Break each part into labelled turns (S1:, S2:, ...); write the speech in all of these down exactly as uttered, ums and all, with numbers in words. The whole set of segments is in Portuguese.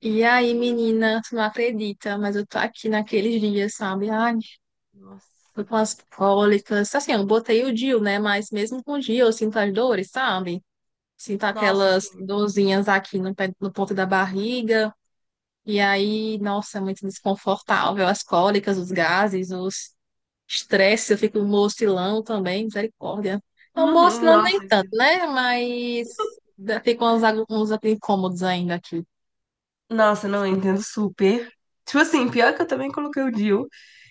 S1: E
S2: Eu
S1: aí,
S2: não-
S1: menina, tu não acredita, mas eu tô aqui naqueles dias, sabe? Ai,
S2: Nossa.
S1: tô com as cólicas. Assim, eu botei o D I U, né? Mas mesmo com o D I U, eu sinto as dores, sabe? Sinto
S2: Nossa,
S1: aquelas
S2: sim.
S1: dorzinhas aqui no, pé- no ponto da barriga. E aí, nossa, é muito desconfortável. As cólicas, os gases, os estresse, eu fico mocilão também, misericórdia. Não,
S2: Uhum,
S1: mocilão nem
S2: nossa,
S1: tanto,
S2: entendo.
S1: né? Mas fica uns, agu- uns incômodos ainda aqui.
S2: Nossa, não, eu entendo super. Tipo assim, pior que eu também coloquei o Dio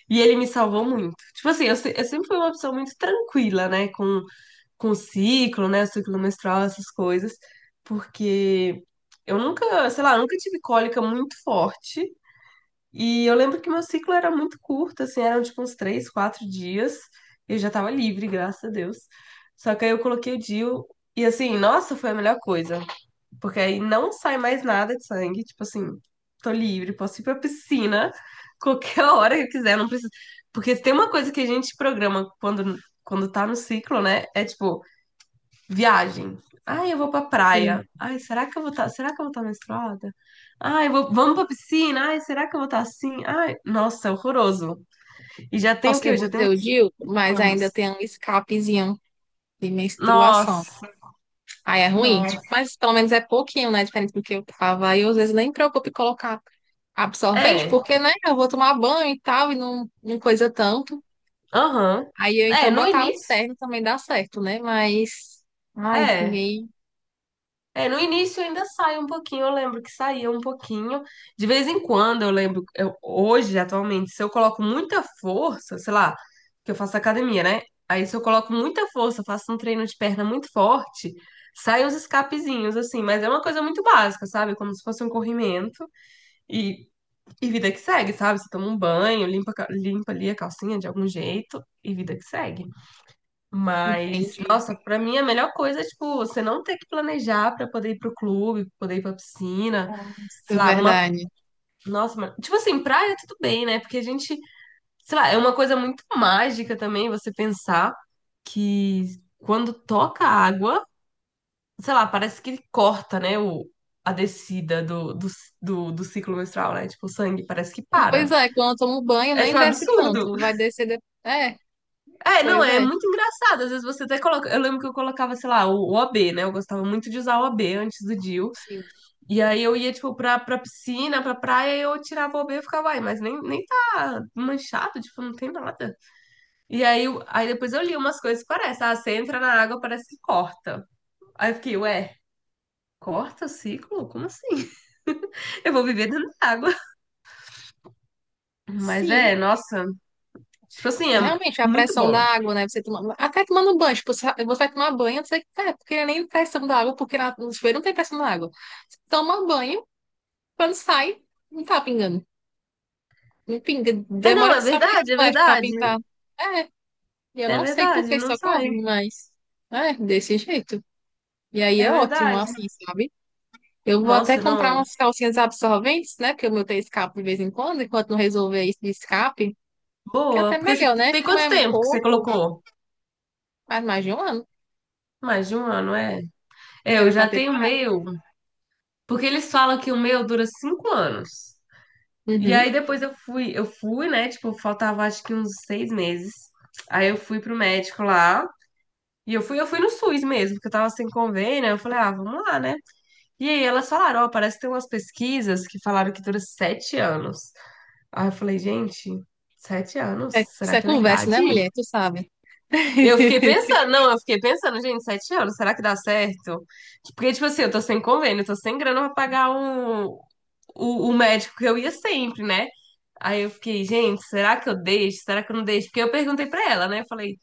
S2: e ele me salvou muito. Tipo assim, eu, se- eu sempre fui uma pessoa muito tranquila, né, com, com o ciclo, né, ciclo menstrual, essas coisas, porque eu nunca, sei lá, nunca tive cólica muito forte. E eu lembro que meu ciclo era muito curto, assim, eram tipo uns três, quatro dias. Eu já tava livre, graças a Deus. Só que aí eu coloquei o D I U e assim, nossa, foi a melhor coisa. Porque aí não sai mais nada de sangue, tipo assim, tô livre, posso ir pra piscina qualquer hora que eu quiser, não precisa. Porque se tem uma coisa que a gente programa quando, quando tá no ciclo, né? É tipo, viagem. Ai, eu vou pra praia. Ai, será que eu vou estar, será que eu vou estar menstruada? Ai, eu vou, vamos pra piscina. Ai, será que eu vou estar assim? Ai, nossa, é horroroso. E já tem o
S1: Nossa,
S2: quê?
S1: eu
S2: Eu já tenho
S1: botei o
S2: uns
S1: D I U,
S2: cinco
S1: mas
S2: anos.
S1: ainda tem um escapezinho de menstruação.
S2: Nossa,
S1: Aí é ruim,
S2: nossa.
S1: tipo, mas pelo menos é pouquinho, né? Diferente do que eu tava. Aí eu às vezes nem me preocupo em colocar absorvente,
S2: É,
S1: porque, né? Eu vou tomar banho e tal, e não, não coisa tanto.
S2: aham.
S1: Aí eu
S2: É,
S1: então
S2: no
S1: botar o
S2: início,
S1: interno também dá certo, né? Mas, ai,
S2: é.
S1: ninguém
S2: É, no início ainda sai um pouquinho, eu lembro que saía um pouquinho. De vez em quando, eu lembro, eu- hoje, atualmente, se eu coloco muita força, sei lá, que eu faço academia, né? Aí se eu coloco muita força, faço um treino de perna muito forte, saem uns escapezinhos, assim, mas é uma coisa muito básica, sabe? Como se fosse um corrimento e, e vida que segue, sabe? Você toma um banho, limpa, a ca- limpa ali a calcinha de algum jeito e vida que segue. Mas,
S1: entende.
S2: nossa, pra mim a melhor coisa é, tipo, você não ter que planejar pra poder ir pro clube, poder ir pra piscina,
S1: Nossa, é
S2: sei lá, uma.
S1: verdade.
S2: Nossa, mas- tipo assim, praia tudo bem, né? Porque a gente, sei lá, é uma coisa muito mágica também você pensar que quando toca a água, sei lá, parece que corta, né, o, a descida do, do, do, do ciclo menstrual, né? Tipo, o sangue parece que
S1: E, pois
S2: para.
S1: é, quando eu tomo banho
S2: É,
S1: nem
S2: tipo, um
S1: desce
S2: absurdo.
S1: tanto, vai descer depois. É,
S2: É, não,
S1: pois
S2: é
S1: é.
S2: muito engraçado. Às vezes você até coloca. Eu lembro que eu colocava, sei lá, o o OB, né? Eu gostava muito de usar o OB antes do D I U.
S1: Sim.
S2: E aí eu ia, tipo, pra, pra piscina, pra praia, e eu tirava o OB e ficava, ai, mas nem, nem tá manchado, tipo, não tem nada. E aí, eu- aí depois eu li umas coisas que parece, ah, você entra na água, parece que corta. Aí eu fiquei, ué. Corta o ciclo? Como assim? Eu vou viver dentro da água. Mas
S1: Sim.
S2: é, nossa, tipo assim,
S1: É,
S2: é
S1: realmente, a
S2: muito
S1: pressão da
S2: bom.
S1: água, né? Você toma... Até tomando banho, tipo, você você vai tomar banho, você é, porque nem pressão da água, porque na- no chuveiro não tem pressão da água. Você toma banho, quando sai, não tá pingando. Não pinga.
S2: É, não,
S1: Demora
S2: é
S1: que sua mãe
S2: verdade, é
S1: mexe pra
S2: verdade.
S1: pintar. É, eu
S2: É
S1: não sei por
S2: verdade,
S1: que isso
S2: não sai.
S1: ocorre, mas é desse jeito. E aí
S2: É
S1: é ótimo,
S2: verdade.
S1: assim, sabe? Eu vou até
S2: Nossa,
S1: comprar
S2: não.
S1: umas calcinhas absorventes, né? Porque o meu tem escape de vez em quando, enquanto não resolver isso de escape, que é
S2: Boa.
S1: até
S2: Porque você
S1: melhor, né?
S2: tem
S1: Como
S2: quanto
S1: é um
S2: tempo que você
S1: pouco,
S2: colocou?
S1: faz mais de um ano.
S2: Mais de um ano, é. É, eu
S1: Era para
S2: já
S1: ter.
S2: tenho o meu, porque eles falam que o meu dura cinco anos. E aí
S1: Uhum.
S2: depois eu fui, eu fui, né? Tipo, faltava acho que uns seis meses. Aí eu fui pro médico lá. E eu fui, eu fui no SUS mesmo, porque eu tava sem convênio. Aí eu falei, ah, vamos lá, né? E aí elas falaram, ó, parece que tem umas pesquisas que falaram que dura sete anos. Aí eu falei, gente, sete anos?
S1: É- Isso
S2: Será
S1: é
S2: que é
S1: conversa, né,
S2: verdade?
S1: mulher? Tu sabe.
S2: Eu fiquei pensando, não, eu fiquei pensando, gente, sete anos, será que dá certo? Porque, tipo assim, eu tô sem convênio, eu tô sem grana pra pagar um, o, o médico que eu ia sempre, né? Aí eu fiquei, gente, será que eu deixo? Será que eu não deixo? Porque eu perguntei pra ela, né? Eu falei,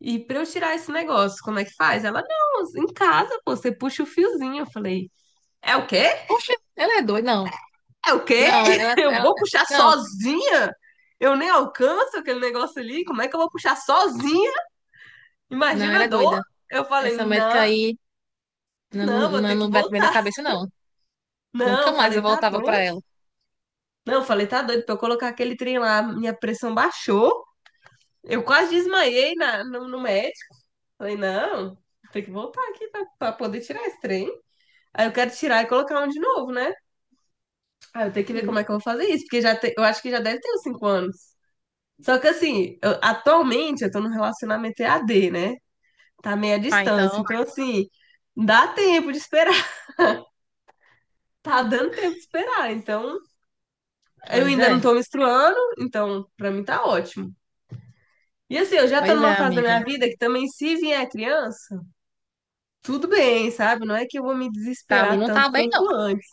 S2: e pra eu tirar esse negócio, como é que faz? Ela, não, em casa, pô, você puxa o fiozinho. Eu falei, é o quê?
S1: Oxe, ela é doida. Não,
S2: É o quê?
S1: não, ela,
S2: Eu
S1: ela,
S2: vou puxar
S1: não,
S2: sozinha? Eu nem alcanço aquele negócio ali, como é que eu vou puxar sozinha?
S1: não,
S2: Imagina
S1: ela
S2: a
S1: é
S2: dor.
S1: doida.
S2: Eu falei,
S1: Essa médica
S2: não.
S1: aí não, não,
S2: Não, vou
S1: não
S2: ter que
S1: não bate bem na
S2: voltar.
S1: cabeça, não. Nunca
S2: Não,
S1: mais
S2: falei,
S1: eu
S2: tá
S1: voltava
S2: doido?
S1: pra ela.
S2: Não, falei, tá doido. Pra eu colocar aquele trem lá, minha pressão baixou. Eu quase desmaiei na, no, no médico. Falei, não, tem que voltar aqui pra, pra poder tirar esse trem. Aí eu quero tirar e colocar um de novo, né? Aí eu tenho que ver
S1: Uhum.
S2: como é que eu vou fazer isso, porque já te- eu acho que já deve ter uns cinco anos. Só que assim, eu- atualmente eu tô num relacionamento E A D, né? Tá meio à
S1: Ah,
S2: distância.
S1: então,
S2: Então, assim, dá tempo de esperar. Tá dando tempo de esperar. Então, eu
S1: pois
S2: ainda não
S1: é,
S2: tô menstruando, então pra mim tá ótimo. E assim, eu já tô
S1: pois é,
S2: numa fase da
S1: amiga.
S2: minha vida que também, se vier criança, tudo bem, sabe? Não é que eu vou me
S1: Pra mim
S2: desesperar
S1: não tá
S2: tanto
S1: bem, não.
S2: quanto antes.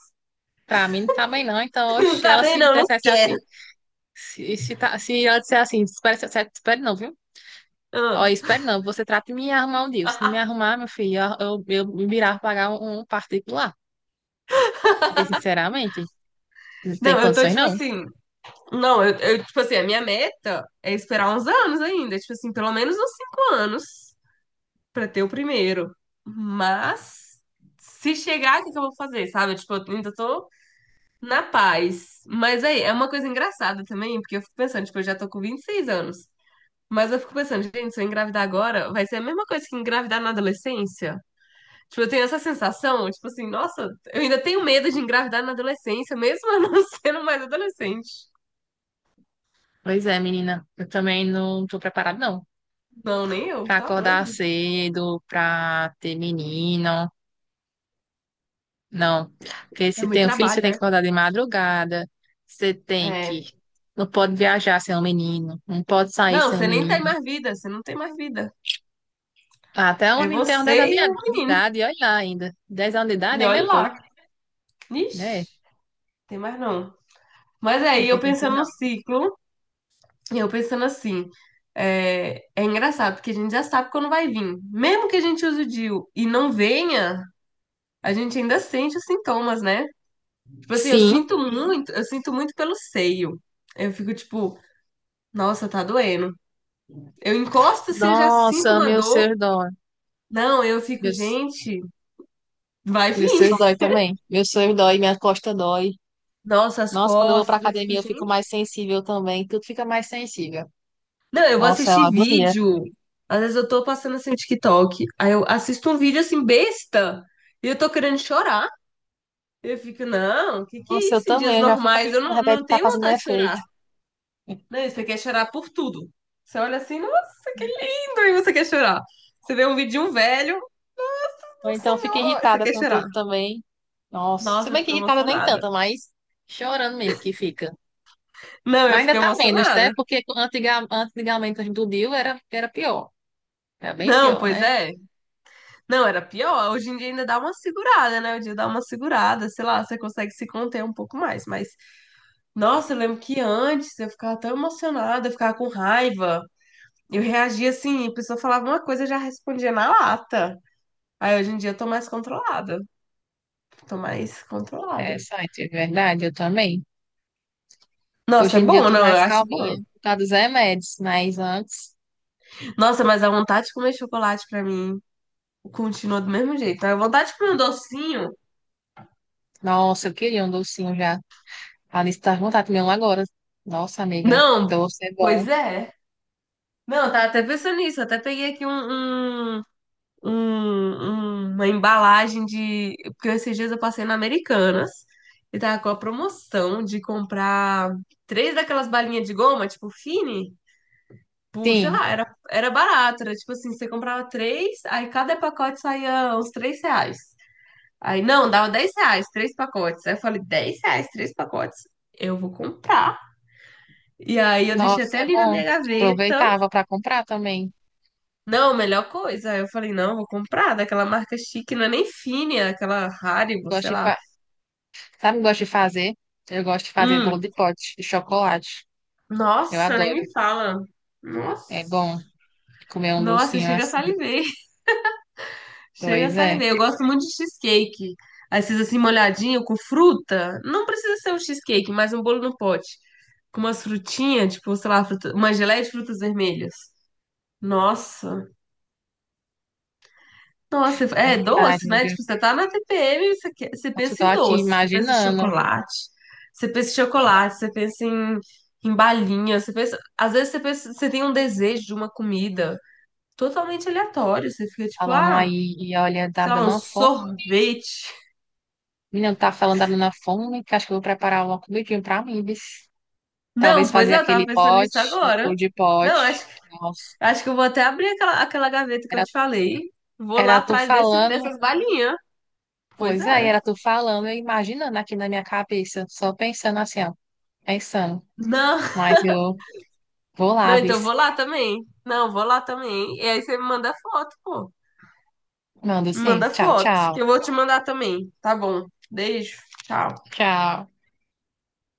S1: Pra mim não tá bem, não. Então,
S2: Não
S1: oxe,
S2: tá
S1: ela
S2: bem,
S1: se
S2: não, não
S1: dissesse assim,
S2: quero.
S1: se, se, tá- se ela disser assim, espere, espere, espere não, viu? Ó,
S2: Ah.
S1: espere não, você trata de me arrumar um dia. Se não me arrumar, meu filho, eu, eu, eu me virar pra pagar um um particular. Porque, sinceramente, não tem
S2: Não, eu tô
S1: condições,
S2: tipo
S1: não.
S2: assim. Não, eu, eu, tipo assim, a minha meta é esperar uns anos ainda, tipo assim, pelo menos uns cinco anos pra ter o primeiro. Mas, se chegar, o que que eu vou fazer, sabe? Tipo, eu ainda tô na paz. Mas aí, é uma coisa engraçada também, porque eu fico pensando, tipo, eu já tô com vinte e seis anos. Mas eu fico pensando, gente, se eu engravidar agora, vai ser a mesma coisa que engravidar na adolescência. Tipo, eu tenho essa sensação, tipo assim, nossa, eu ainda tenho medo de engravidar na adolescência, mesmo eu não sendo mais adolescente.
S1: Pois é, menina. Eu também não tô preparada, não.
S2: Não, nem eu,
S1: Pra
S2: tá
S1: acordar
S2: doido.
S1: cedo, pra ter menino. Não. Porque
S2: É
S1: se
S2: muito
S1: tem um filho, você
S2: trabalho,
S1: tem
S2: né?
S1: que acordar de madrugada. Você tem
S2: É.
S1: que. Não pode viajar sem um menino. Não pode sair
S2: Não,
S1: sem um
S2: você nem tem
S1: menino.
S2: mais vida, você não tem mais vida.
S1: Até um
S2: É
S1: menino tem uns dez
S2: você
S1: anos
S2: e o
S1: de de
S2: menino.
S1: idade, e olha lá ainda. Dez anos de idade
S2: E
S1: ainda é
S2: olha
S1: pouco,
S2: lá.
S1: né?
S2: Ixi, tem mais não. Mas
S1: Não
S2: aí,
S1: tem
S2: eu
S1: condições,
S2: pensando no
S1: não.
S2: ciclo. E eu pensando assim, é, é engraçado, porque a gente já sabe quando vai vir. Mesmo que a gente use o D I U e não venha, a gente ainda sente os sintomas, né? Tipo assim, eu
S1: Sim.
S2: sinto muito, eu sinto muito pelo seio. Eu fico tipo, nossa, tá doendo. Eu encosto se eu já sinto
S1: Nossa,
S2: uma
S1: meu
S2: dor.
S1: ser dói.
S2: Não, eu fico,
S1: Meu,
S2: gente, vai
S1: meu ser
S2: vir.
S1: dói também. Meu ser dói, minha costa dói.
S2: Nossa, as
S1: Nossa, quando eu vou pra
S2: costas, eu fico,
S1: academia eu fico mais
S2: gente.
S1: sensível também. Tudo fica mais sensível.
S2: Não, eu vou
S1: Nossa, é uma
S2: assistir
S1: agonia.
S2: vídeo. Às vezes eu tô passando assim no TikTok, aí eu assisto um vídeo assim besta e eu tô querendo chorar. Eu fico, não, o que que é
S1: Nossa, eu
S2: isso? Em dias
S1: também. Eu já fico
S2: normais
S1: achando
S2: eu
S1: que o
S2: não,
S1: remédio
S2: não
S1: tá
S2: tenho
S1: fazendo
S2: vontade de chorar.
S1: efeito.
S2: Não, e você quer chorar por tudo. Você olha assim, nossa, que lindo, e você quer chorar. Você vê um vídeo de um velho,
S1: Ou
S2: meu
S1: então fico
S2: senhor, e você
S1: irritada
S2: quer
S1: com
S2: chorar.
S1: tudo também. Nossa, se
S2: Nossa, eu
S1: bem que
S2: fico
S1: irritada nem
S2: emocionada.
S1: tanto, mas chorando mesmo que fica.
S2: Não,
S1: Mas
S2: eu fico
S1: ainda tá menos, né?
S2: emocionada.
S1: Porque antiga, antigamente, quando do D I U era, era pior. Era bem
S2: Não,
S1: pior, né?
S2: pois é. Não, era pior. Hoje em dia ainda dá uma segurada, né? O dia dá uma segurada, sei lá, você consegue se conter um pouco mais. Mas, nossa, eu lembro que antes eu ficava tão emocionada, eu ficava com raiva. Eu reagia assim, a pessoa falava uma coisa, eu já respondia na lata. Aí hoje em dia eu tô mais controlada. Tô mais
S1: É,
S2: controlada.
S1: site, é verdade, eu também.
S2: Nossa,
S1: Hoje
S2: é
S1: em dia eu
S2: bom,
S1: tô
S2: não? Eu
S1: mais
S2: acho bom.
S1: calminha por causa dos remédios, mas antes,
S2: Nossa, mas a vontade de comer chocolate pra mim continua do mesmo jeito. A vontade de comer um docinho.
S1: nossa, eu queria um docinho já. A Alice tá com vontade de comer um agora. Nossa, amiga,
S2: Não,
S1: doce é bom.
S2: pois é. Não, eu tava até pensando nisso. Eu até peguei aqui um, um- um- uma embalagem de. Porque esses dias eu passei na Americanas e tava com a promoção de comprar três daquelas balinhas de goma, tipo Fini. Tipo, sei lá,
S1: Sim,
S2: era, era barato. Era tipo assim, você comprava três, aí cada pacote saía uns três reais. Aí, não, dava dez reais, três pacotes. Aí eu falei, dez reais, três pacotes. Eu vou comprar. E aí eu deixei
S1: nossa,
S2: até
S1: é
S2: ali na
S1: bom.
S2: minha gaveta.
S1: Aproveitava para comprar também.
S2: Não, melhor coisa. Aí eu falei, não, vou comprar daquela marca chique, não é nem Fine, é aquela Haribo, sei
S1: Gosto de,
S2: lá.
S1: fa- sabe o que eu gosto de fazer? Eu gosto de fazer bolo
S2: Hum,
S1: de pote de chocolate. Eu
S2: nossa, nem
S1: adoro.
S2: me fala.
S1: É
S2: Nossa,
S1: bom comer um
S2: nossa,
S1: docinho
S2: chega a
S1: assim.
S2: salivei. Chega a
S1: Pois é,
S2: salivei. Eu gosto muito de cheesecake. Aí vocês assim, molhadinho, com fruta. Não precisa ser um cheesecake, mas um bolo no pote. Com umas frutinhas, tipo, sei lá, fruta- uma geleia de frutas vermelhas. Nossa. Nossa, é doce,
S1: verdade,
S2: né?
S1: viu?
S2: Tipo, você tá na T P M, você, quer- você
S1: Nossa, eu
S2: pensa
S1: tô
S2: em
S1: aqui
S2: doce. Você pensa em
S1: imaginando.
S2: chocolate. Você pensa em
S1: Tô ima-
S2: chocolate, você pensa em, em balinha. Você pensa... Às vezes você pensa- você tem um desejo de uma comida totalmente aleatório. Você fica tipo,
S1: falando
S2: ah,
S1: aí e olha, tá
S2: sei
S1: me
S2: lá,
S1: dando
S2: um
S1: uma fome.
S2: sorvete.
S1: Menina, tá falando da dando uma fome, que acho que eu vou preparar uma comidinha pra mim, bis.
S2: Não,
S1: Talvez
S2: pois
S1: fazer
S2: é, eu tava
S1: aquele
S2: pensando nisso
S1: pote, de
S2: agora.
S1: bolo de
S2: Não,
S1: pote.
S2: acho,
S1: Nossa.
S2: acho que eu vou até abrir aquela, aquela gaveta que eu
S1: Era,
S2: te falei. Vou lá
S1: era tu
S2: atrás desse,
S1: falando,
S2: dessas balinhas. Pois
S1: pois aí
S2: é.
S1: era tu falando, eu imaginando aqui na minha cabeça, só pensando assim, ó, pensando.
S2: Não,
S1: Mas eu vou lá,
S2: não, então eu vou
S1: vis.
S2: lá também. Não, vou lá também. E aí você me manda foto, pô.
S1: Mando
S2: Me
S1: sim.
S2: manda
S1: Tchau,
S2: foto,
S1: tchau.
S2: que eu vou te mandar também. Tá bom. Beijo. Tchau.
S1: Tchau.